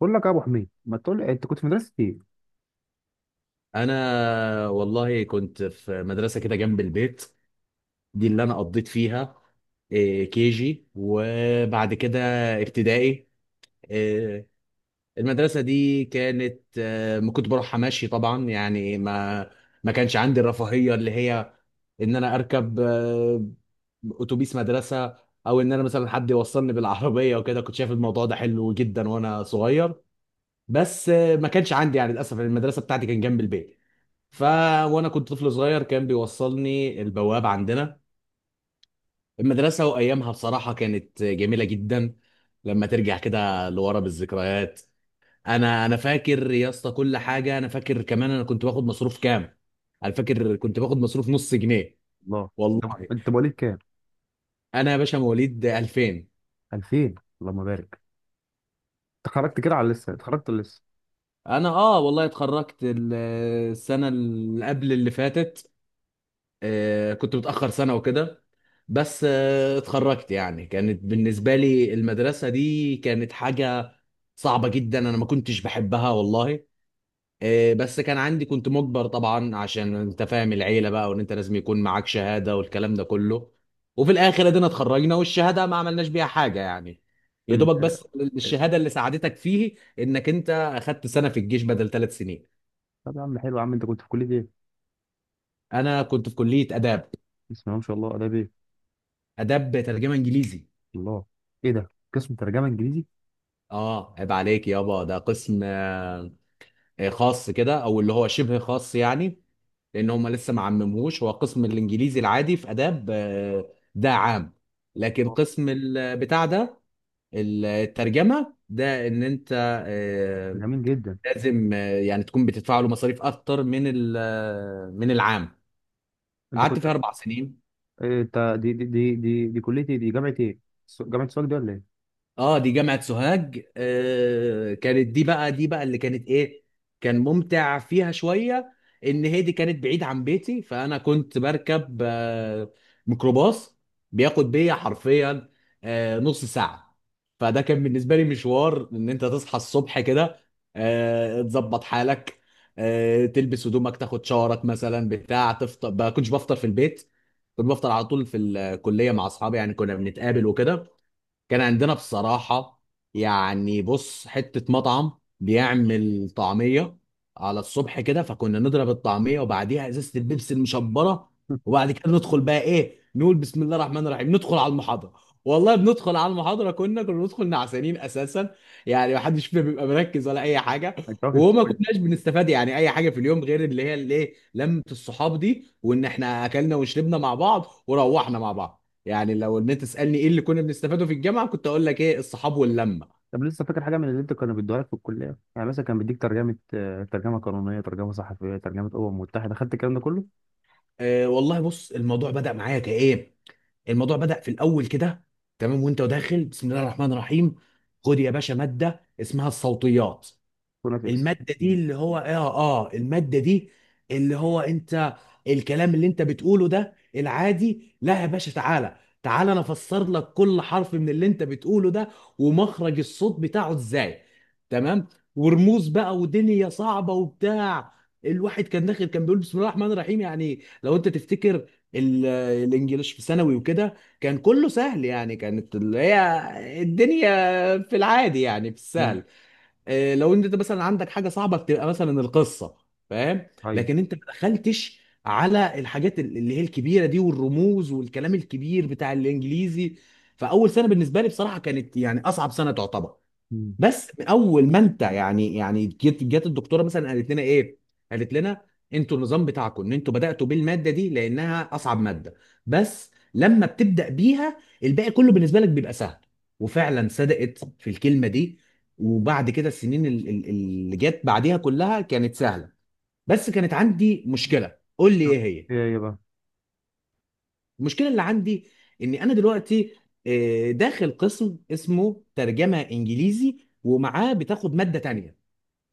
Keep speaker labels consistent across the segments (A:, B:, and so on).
A: بقول لك يا ابو حميد، ما تقول لي انت كنت في مدرسه ايه؟
B: انا والله كنت في مدرسه كده جنب البيت. دي اللي انا قضيت فيها. كي جي وبعد كده ابتدائي. إيه، المدرسه دي كانت، ما كنت بروحها ماشي طبعا، يعني ما كانش عندي الرفاهيه اللي هي ان انا اركب، اتوبيس مدرسه، او ان انا مثلا حد يوصلني بالعربيه وكده. كنت شايف الموضوع ده حلو جدا وانا صغير. بس ما كانش عندي، يعني للاسف المدرسه بتاعتي كان جنب البيت، ف وانا كنت طفل صغير كان بيوصلني البواب عندنا المدرسه. وايامها بصراحه كانت جميله جدا، لما ترجع كده لورا بالذكريات. انا فاكر يا اسطى كل حاجه، انا فاكر كمان انا كنت باخد مصروف كام؟ انا فاكر كنت باخد مصروف نص جنيه
A: الله. طب
B: والله.
A: انت مواليد كام؟
B: انا يا باشا مواليد 2000.
A: 2000. اللهم بارك. اتخرجت كده على لسه اتخرجت لسه
B: انا اه والله اتخرجت السنه اللي قبل اللي فاتت. كنت متأخر سنة وكده. بس اتخرجت، يعني كانت بالنسبة لي المدرسة دي كانت حاجة صعبة جدا، أنا ما كنتش بحبها والله. بس كان عندي، كنت مجبر طبعا عشان أنت فاهم، العيلة بقى وإن أنت لازم يكون معاك شهادة والكلام ده كله. وفي الآخر أدينا اتخرجنا، والشهادة ما عملناش بيها حاجة يعني، يا
A: ال...
B: دوبك بس. الشهادة اللي ساعدتك فيه إنك أنت أخدت سنة في الجيش بدل ثلاث سنين.
A: طب يا عم، حلو يا عم، انت كنت في كليه ايه؟
B: أنا كنت في كلية آداب.
A: بسم الله ما شاء الله، اداب ايه؟
B: آداب ترجمة إنجليزي.
A: الله، ايه ده قسم ترجمه انجليزي؟
B: اه عيب عليك يابا، ده قسم خاص كده، او اللي هو شبه خاص يعني. لان هم لسه ما عمموش، هو قسم الانجليزي العادي في اداب، ده عام. لكن
A: آه.
B: قسم بتاع ده، الترجمه ده، ان انت آه،
A: جميل جدا.
B: لازم يعني تكون بتدفع له مصاريف اكتر من من العام.
A: انت
B: قعدت فيها
A: كنت
B: اربع سنين.
A: إيه؟ انت دي كليه ايه؟ دي جامعه ايه؟ جامعه سواك دي ولا ايه؟
B: اه دي جامعة سوهاج. كانت دي بقى اللي كانت ايه، كان ممتع فيها شوية. ان هي دي كانت بعيد عن بيتي، فانا كنت بركب ميكروباص، بياخد بيا حرفيا نص ساعة. فده كان بالنسبة لي مشوار، ان انت تصحى الصبح كده، تظبط حالك، تلبس هدومك، تاخد شاورك مثلا، بتاع تفطر. ما كنتش بفطر في البيت، كنت بفطر على طول في الكلية مع اصحابي، يعني كنا بنتقابل وكده. كان عندنا بصراحة، يعني بص، حتة مطعم بيعمل طعمية على الصبح كده، فكنا نضرب الطعمية وبعديها ازازة البيبسي المشبرة. وبعد كده ندخل بقى ايه، نقول بسم الله الرحمن الرحيم، ندخل على المحاضرة. والله بندخل على المحاضرة كنا ندخل نعسانين اساسا، يعني محدش فينا بيبقى مركز ولا اي حاجة.
A: انت واكل في
B: وما
A: الكلية.
B: كناش بنستفاد يعني اي حاجة في اليوم، غير اللي هي الايه، لمة الصحاب دي، وان احنا اكلنا وشربنا مع بعض وروحنا مع بعض. يعني لو ان انت تسالني ايه اللي كنا بنستفاده في الجامعه، كنت اقول لك ايه، الصحاب واللمه.
A: طب لسه فاكر حاجه من اللي انت كانوا بيدوها لك في الكليه؟ يعني مثلا كان بيديك ترجمه، ترجمه قانونيه، ترجمه صحفيه، ترجمه متحده، خدت الكلام ده كله؟
B: أه والله بص، الموضوع بدا معايا كايه، الموضوع بدأ في الأول كده. تمام، وأنت داخل بسم الله الرحمن الرحيم، خد يا باشا مادة اسمها الصوتيات.
A: فوناتكس.
B: المادة دي اللي هو اه المادة دي اللي هو انت، الكلام اللي انت بتقوله ده العادي، لا يا باشا، تعالى تعالى انا افسر لك كل حرف من اللي انت بتقوله ده، ومخرج الصوت بتاعه ازاي، تمام، ورموز بقى ودنيا صعبة وبتاع. الواحد كان داخل كان بيقول بسم الله الرحمن الرحيم. يعني لو انت تفتكر ال- الانجليش في ثانوي وكده، كان كله سهل، يعني كانت اللي هي الدنيا في العادي، يعني في السهل. لو انت مثلا عندك حاجه صعبه، بتبقى مثلا القصه، فاهم؟
A: ايوه.
B: لكن انت ما دخلتش على الحاجات اللي هي الكبيره دي، والرموز والكلام الكبير بتاع الانجليزي. فاول سنه بالنسبه لي بصراحه كانت يعني اصعب سنه تعتبر.
A: مم.
B: بس من اول ما انت يعني جت الدكتوره مثلا قالت لنا ايه؟ قالت لنا انتوا النظام بتاعكم ان انتوا بداتوا بالماده دي لانها اصعب ماده، بس لما بتبدا بيها الباقي كله بالنسبه لك بيبقى سهل. وفعلا صدقت في الكلمه دي. وبعد كده السنين اللي جت بعديها كلها كانت سهله. بس كانت عندي مشكله، قول لي ايه هي؟
A: ايه هي بقى؟
B: المشكله اللي عندي اني انا دلوقتي داخل قسم اسمه ترجمه انجليزي، ومعاه بتاخد ماده تانيه.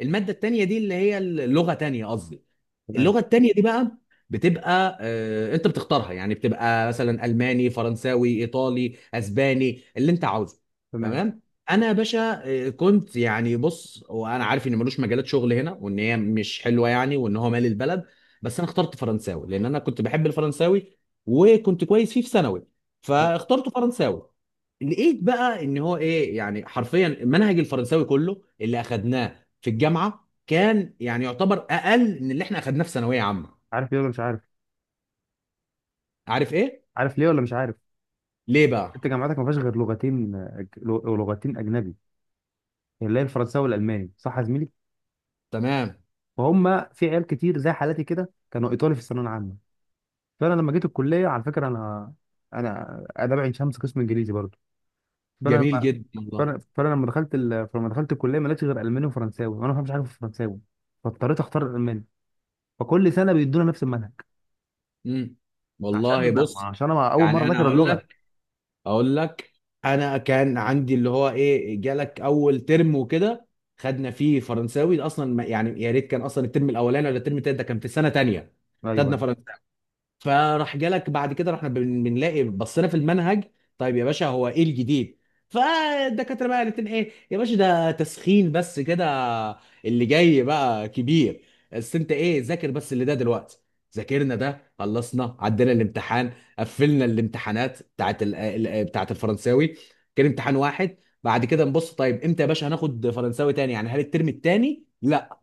B: الماده التانيه دي اللي هي اللغه تانيه قصدي.
A: تمام.
B: اللغه التانيه دي بقى بتبقى، انت بتختارها، يعني بتبقى مثلا الماني، فرنساوي، ايطالي، اسباني، اللي انت عاوزه.
A: تمام.
B: تمام. انا يا باشا كنت، يعني بص، وانا عارف ان ملوش مجالات شغل هنا، وان هي مش حلوه يعني، وان هو مال البلد، بس انا اخترت فرنساوي لان انا كنت بحب الفرنساوي، وكنت كويس فيه في ثانوي، فاخترت فرنساوي. لقيت بقى ان هو ايه، يعني حرفيا منهج الفرنساوي كله اللي اخدناه في الجامعه كان يعني يعتبر اقل من اللي احنا اخدناه في ثانويه عامه.
A: عارف ليه ولا مش عارف؟
B: عارف ايه؟
A: عارف ليه ولا مش عارف؟
B: ليه بقى؟
A: انت جامعتك ما فيهاش غير لغتين، لغتين اجنبي، اللي هي الفرنساوي والالماني، صح يا زميلي؟
B: تمام.
A: فهم في عيال كتير زي حالاتي كده كانوا ايطالي في الثانويه العامه. فانا لما جيت الكليه، على فكره، انا انا اداب عين شمس قسم انجليزي برضه. فانا
B: جميل
A: لما
B: جدا والله.
A: فأنا لما فلما دخلت الكليه ما لقيتش غير الماني وفرنساوي، وانا ما فهمش حاجه في الفرنساوي، فاضطريت اختار الالماني. فكل سنه بيدونا نفس المنهج،
B: امم والله
A: عشان
B: بص،
A: عشان انا اول
B: يعني
A: مره
B: انا
A: ذاكر
B: اقول
A: اللغه.
B: لك اقول لك انا كان عندي اللي هو ايه، جالك اول ترم وكده، خدنا فيه فرنساوي، ده اصلا يعني يا ريت كان، اصلا الترم الاولاني ولا الترم التاني، ده كان في سنه تانيه. خدنا
A: ايوه.
B: فرنساوي، فراح جالك بعد كده، رحنا بنلاقي، بصينا في المنهج، طيب يا باشا هو ايه الجديد؟ فالدكاتره بقى قالت لنا ايه يا باشا، ده تسخين بس كده، اللي جاي بقى كبير، بس انت ايه، ذاكر بس اللي ده دلوقتي. ذاكرنا ده، خلصنا، عدينا الامتحان، قفلنا الامتحانات بتاعت بتاعت الفرنساوي، كان امتحان واحد. بعد كده نبص، طيب امتى يا باشا هناخد فرنساوي تاني؟ يعني هل الترم التاني؟ لا.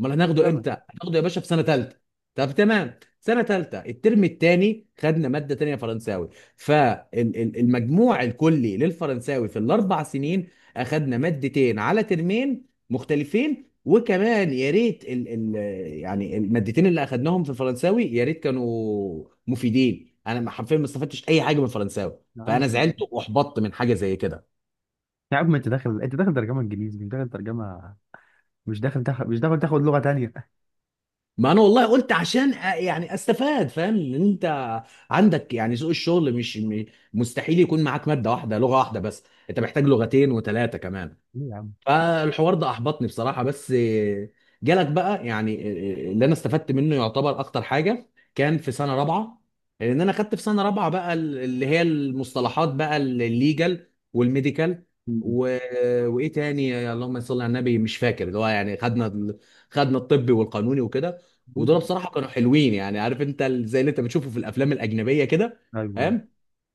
B: امال هناخده
A: سنة.
B: امتى؟ هناخده يا باشا في سنه ثالثه. طب تمام، سنه ثالثه الترم الثاني خدنا ماده تانية فرنساوي. فالمجموع الكلي للفرنساوي في الاربع سنين اخدنا مادتين على ترمين مختلفين. وكمان يا ريت ال ال يعني المادتين اللي اخدناهم في الفرنساوي يا ريت كانوا مفيدين. انا حرفيا ما استفدتش اي حاجه من الفرنساوي،
A: يا عم
B: فانا
A: مش،
B: زعلت واحبطت من حاجه زي كده.
A: يا عم انت داخل، انت داخل ترجمة انجليزي مش داخل ترجمة مش داخل تاخد، مش داخل تاخد لغة تانية.
B: ما انا والله قلت عشان يعني استفاد، فاهم ان انت عندك يعني سوق الشغل مش مستحيل يكون معاك ماده واحده، لغه واحده بس، انت محتاج لغتين وثلاثه كمان.
A: ليه يا عم؟ شيء.
B: فالحوار ده احبطني بصراحه. بس جالك بقى يعني، اللي انا استفدت منه يعتبر اكتر حاجه كان في سنه رابعه. لان انا خدت في سنه رابعه بقى اللي هي المصطلحات، بقى الليجل والميديكال و... وايه تاني، اللهم صل على النبي، مش فاكر، اللي هو يعني خدنا خدنا الطبي والقانوني وكده. ودول
A: بوليتيك.
B: بصراحه كانوا حلوين، يعني عارف انت زي اللي انت بتشوفه في الافلام الاجنبيه كده،
A: ايوه ايوه.
B: فاهم؟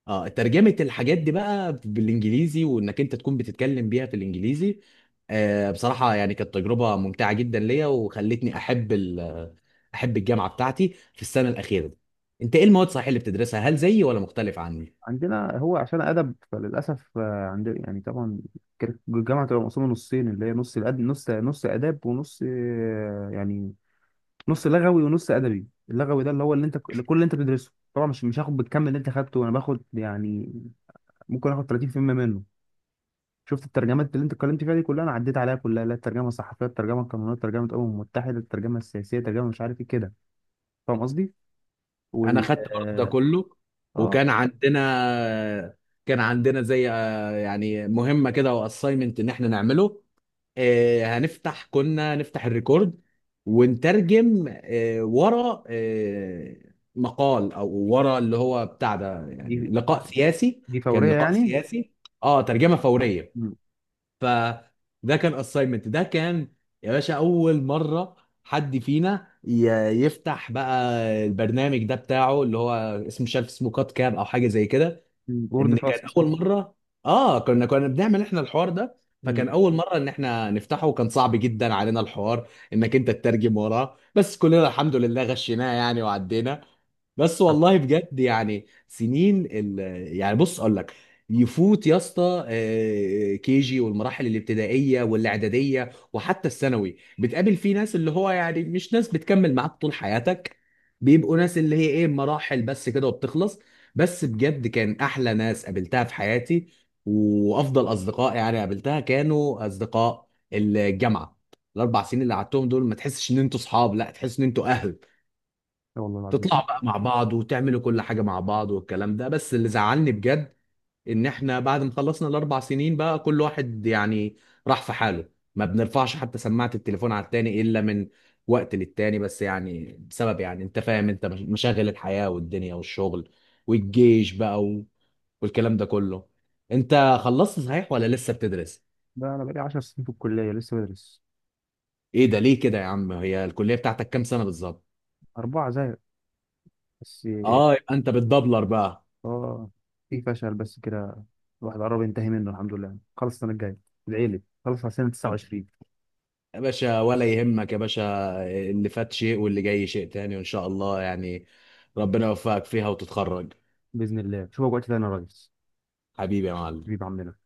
B: اه، ترجمة الحاجات دي بقى بالانجليزي، وانك انت تكون بتتكلم بيها في الانجليزي. بصراحة يعني كانت تجربة ممتعة جدا ليا، وخلتني احب احب الجامعة بتاعتي في السنة الأخيرة دي. انت ايه المواد صحيح اللي بتدرسها، هل زيي ولا مختلف عني؟
A: عندنا هو عشان ادب فللاسف، عندنا يعني طبعا كانت الجامعة تبقى مقسومة نصين، اللي هي نص الأد... نص نص اداب ونص، يعني نص لغوي ونص ادبي. اللغوي ده اللي هو اللي انت كل اللي انت بتدرسه طبعا، مش هاخد بالكم، اللي انت خدته انا باخد يعني ممكن اخد 30% منه. شفت الترجمات اللي انت اتكلمت فيها دي كلها، انا عديت عليها كلها، لا الترجمه الصحفيه، الترجمه القانونيه، الترجمه الامم المتحده، الترجمه السياسيه، الترجمه مش عارف ايه كده. فاهم قصدي؟
B: انا
A: وال
B: خدت برضه ده
A: اه،
B: كله.
A: آه،
B: وكان عندنا زي يعني مهمة كده، واساينمنت ان احنا نعمله. كنا نفتح الريكورد، ونترجم ورا مقال، او ورا اللي هو بتاع ده، يعني
A: دي
B: لقاء سياسي.
A: دي
B: كان
A: فوريه
B: لقاء
A: يعني.
B: سياسي، اه ترجمة فورية.
A: مم.
B: فده كان اساينمنت، ده كان يا باشا اول مرة حد فينا يفتح بقى البرنامج ده بتاعه، اللي هو اسمه مش عارف اسمه، كات كاب او حاجة زي كده.
A: مم. وورد
B: ان كان
A: فاست.
B: اول مره، اه كنا بنعمل احنا الحوار ده.
A: مم.
B: فكان اول مره ان احنا نفتحه، وكان صعب جدا علينا الحوار انك انت تترجم وراه، بس كلنا الحمد لله غشيناه يعني وعدينا. بس
A: آه،
B: والله بجد يعني، سنين يعني بص اقول لك، يفوت يا اسطى كي جي والمراحل الابتدائيه والاعداديه وحتى الثانوي، بتقابل فيه ناس اللي هو يعني مش ناس بتكمل معاك طول حياتك، بيبقوا ناس اللي هي ايه، مراحل بس كده وبتخلص. بس بجد كان احلى ناس قابلتها في حياتي، وافضل اصدقاء يعني قابلتها كانوا اصدقاء الجامعه. الاربع سنين اللي قعدتهم دول ما تحسش ان انتوا صحاب، لا تحس ان انتوا اهل،
A: يا والله العظيم،
B: تطلعوا بقى مع بعض وتعملوا كل حاجة مع بعض والكلام ده. بس اللي زعلني بجد ان احنا بعد ما خلصنا الاربع سنين بقى كل واحد يعني راح في حاله، ما بنرفعش حتى سماعة التليفون على التاني الا من وقت للتاني، بس يعني بسبب يعني انت فاهم، انت مشاغل الحياة والدنيا والشغل والجيش بقى والكلام ده كله. انت خلصت صحيح ولا لسه بتدرس؟
A: ده انا بقالي 10 سنين في الكليه لسه بدرس.
B: ايه ده، ليه كده يا عم؟ هي الكلية بتاعتك كام سنة بالظبط؟
A: اربعه زي، بس.
B: اه، يبقى انت بتدبلر بقى.
A: اه، في فشل بس كده. الواحد قرب ينتهي منه الحمد لله، خلص السنه الجايه. العيله خلص على سنه 29.
B: يا باشا ولا يهمك يا باشا، اللي فات شيء واللي جاي شيء تاني، وإن شاء الله يعني ربنا يوفقك فيها وتتخرج.
A: باذن الله شوفك وقت تاني يا ريس.
B: حبيبي يا معلم.
A: حبيب عمنا.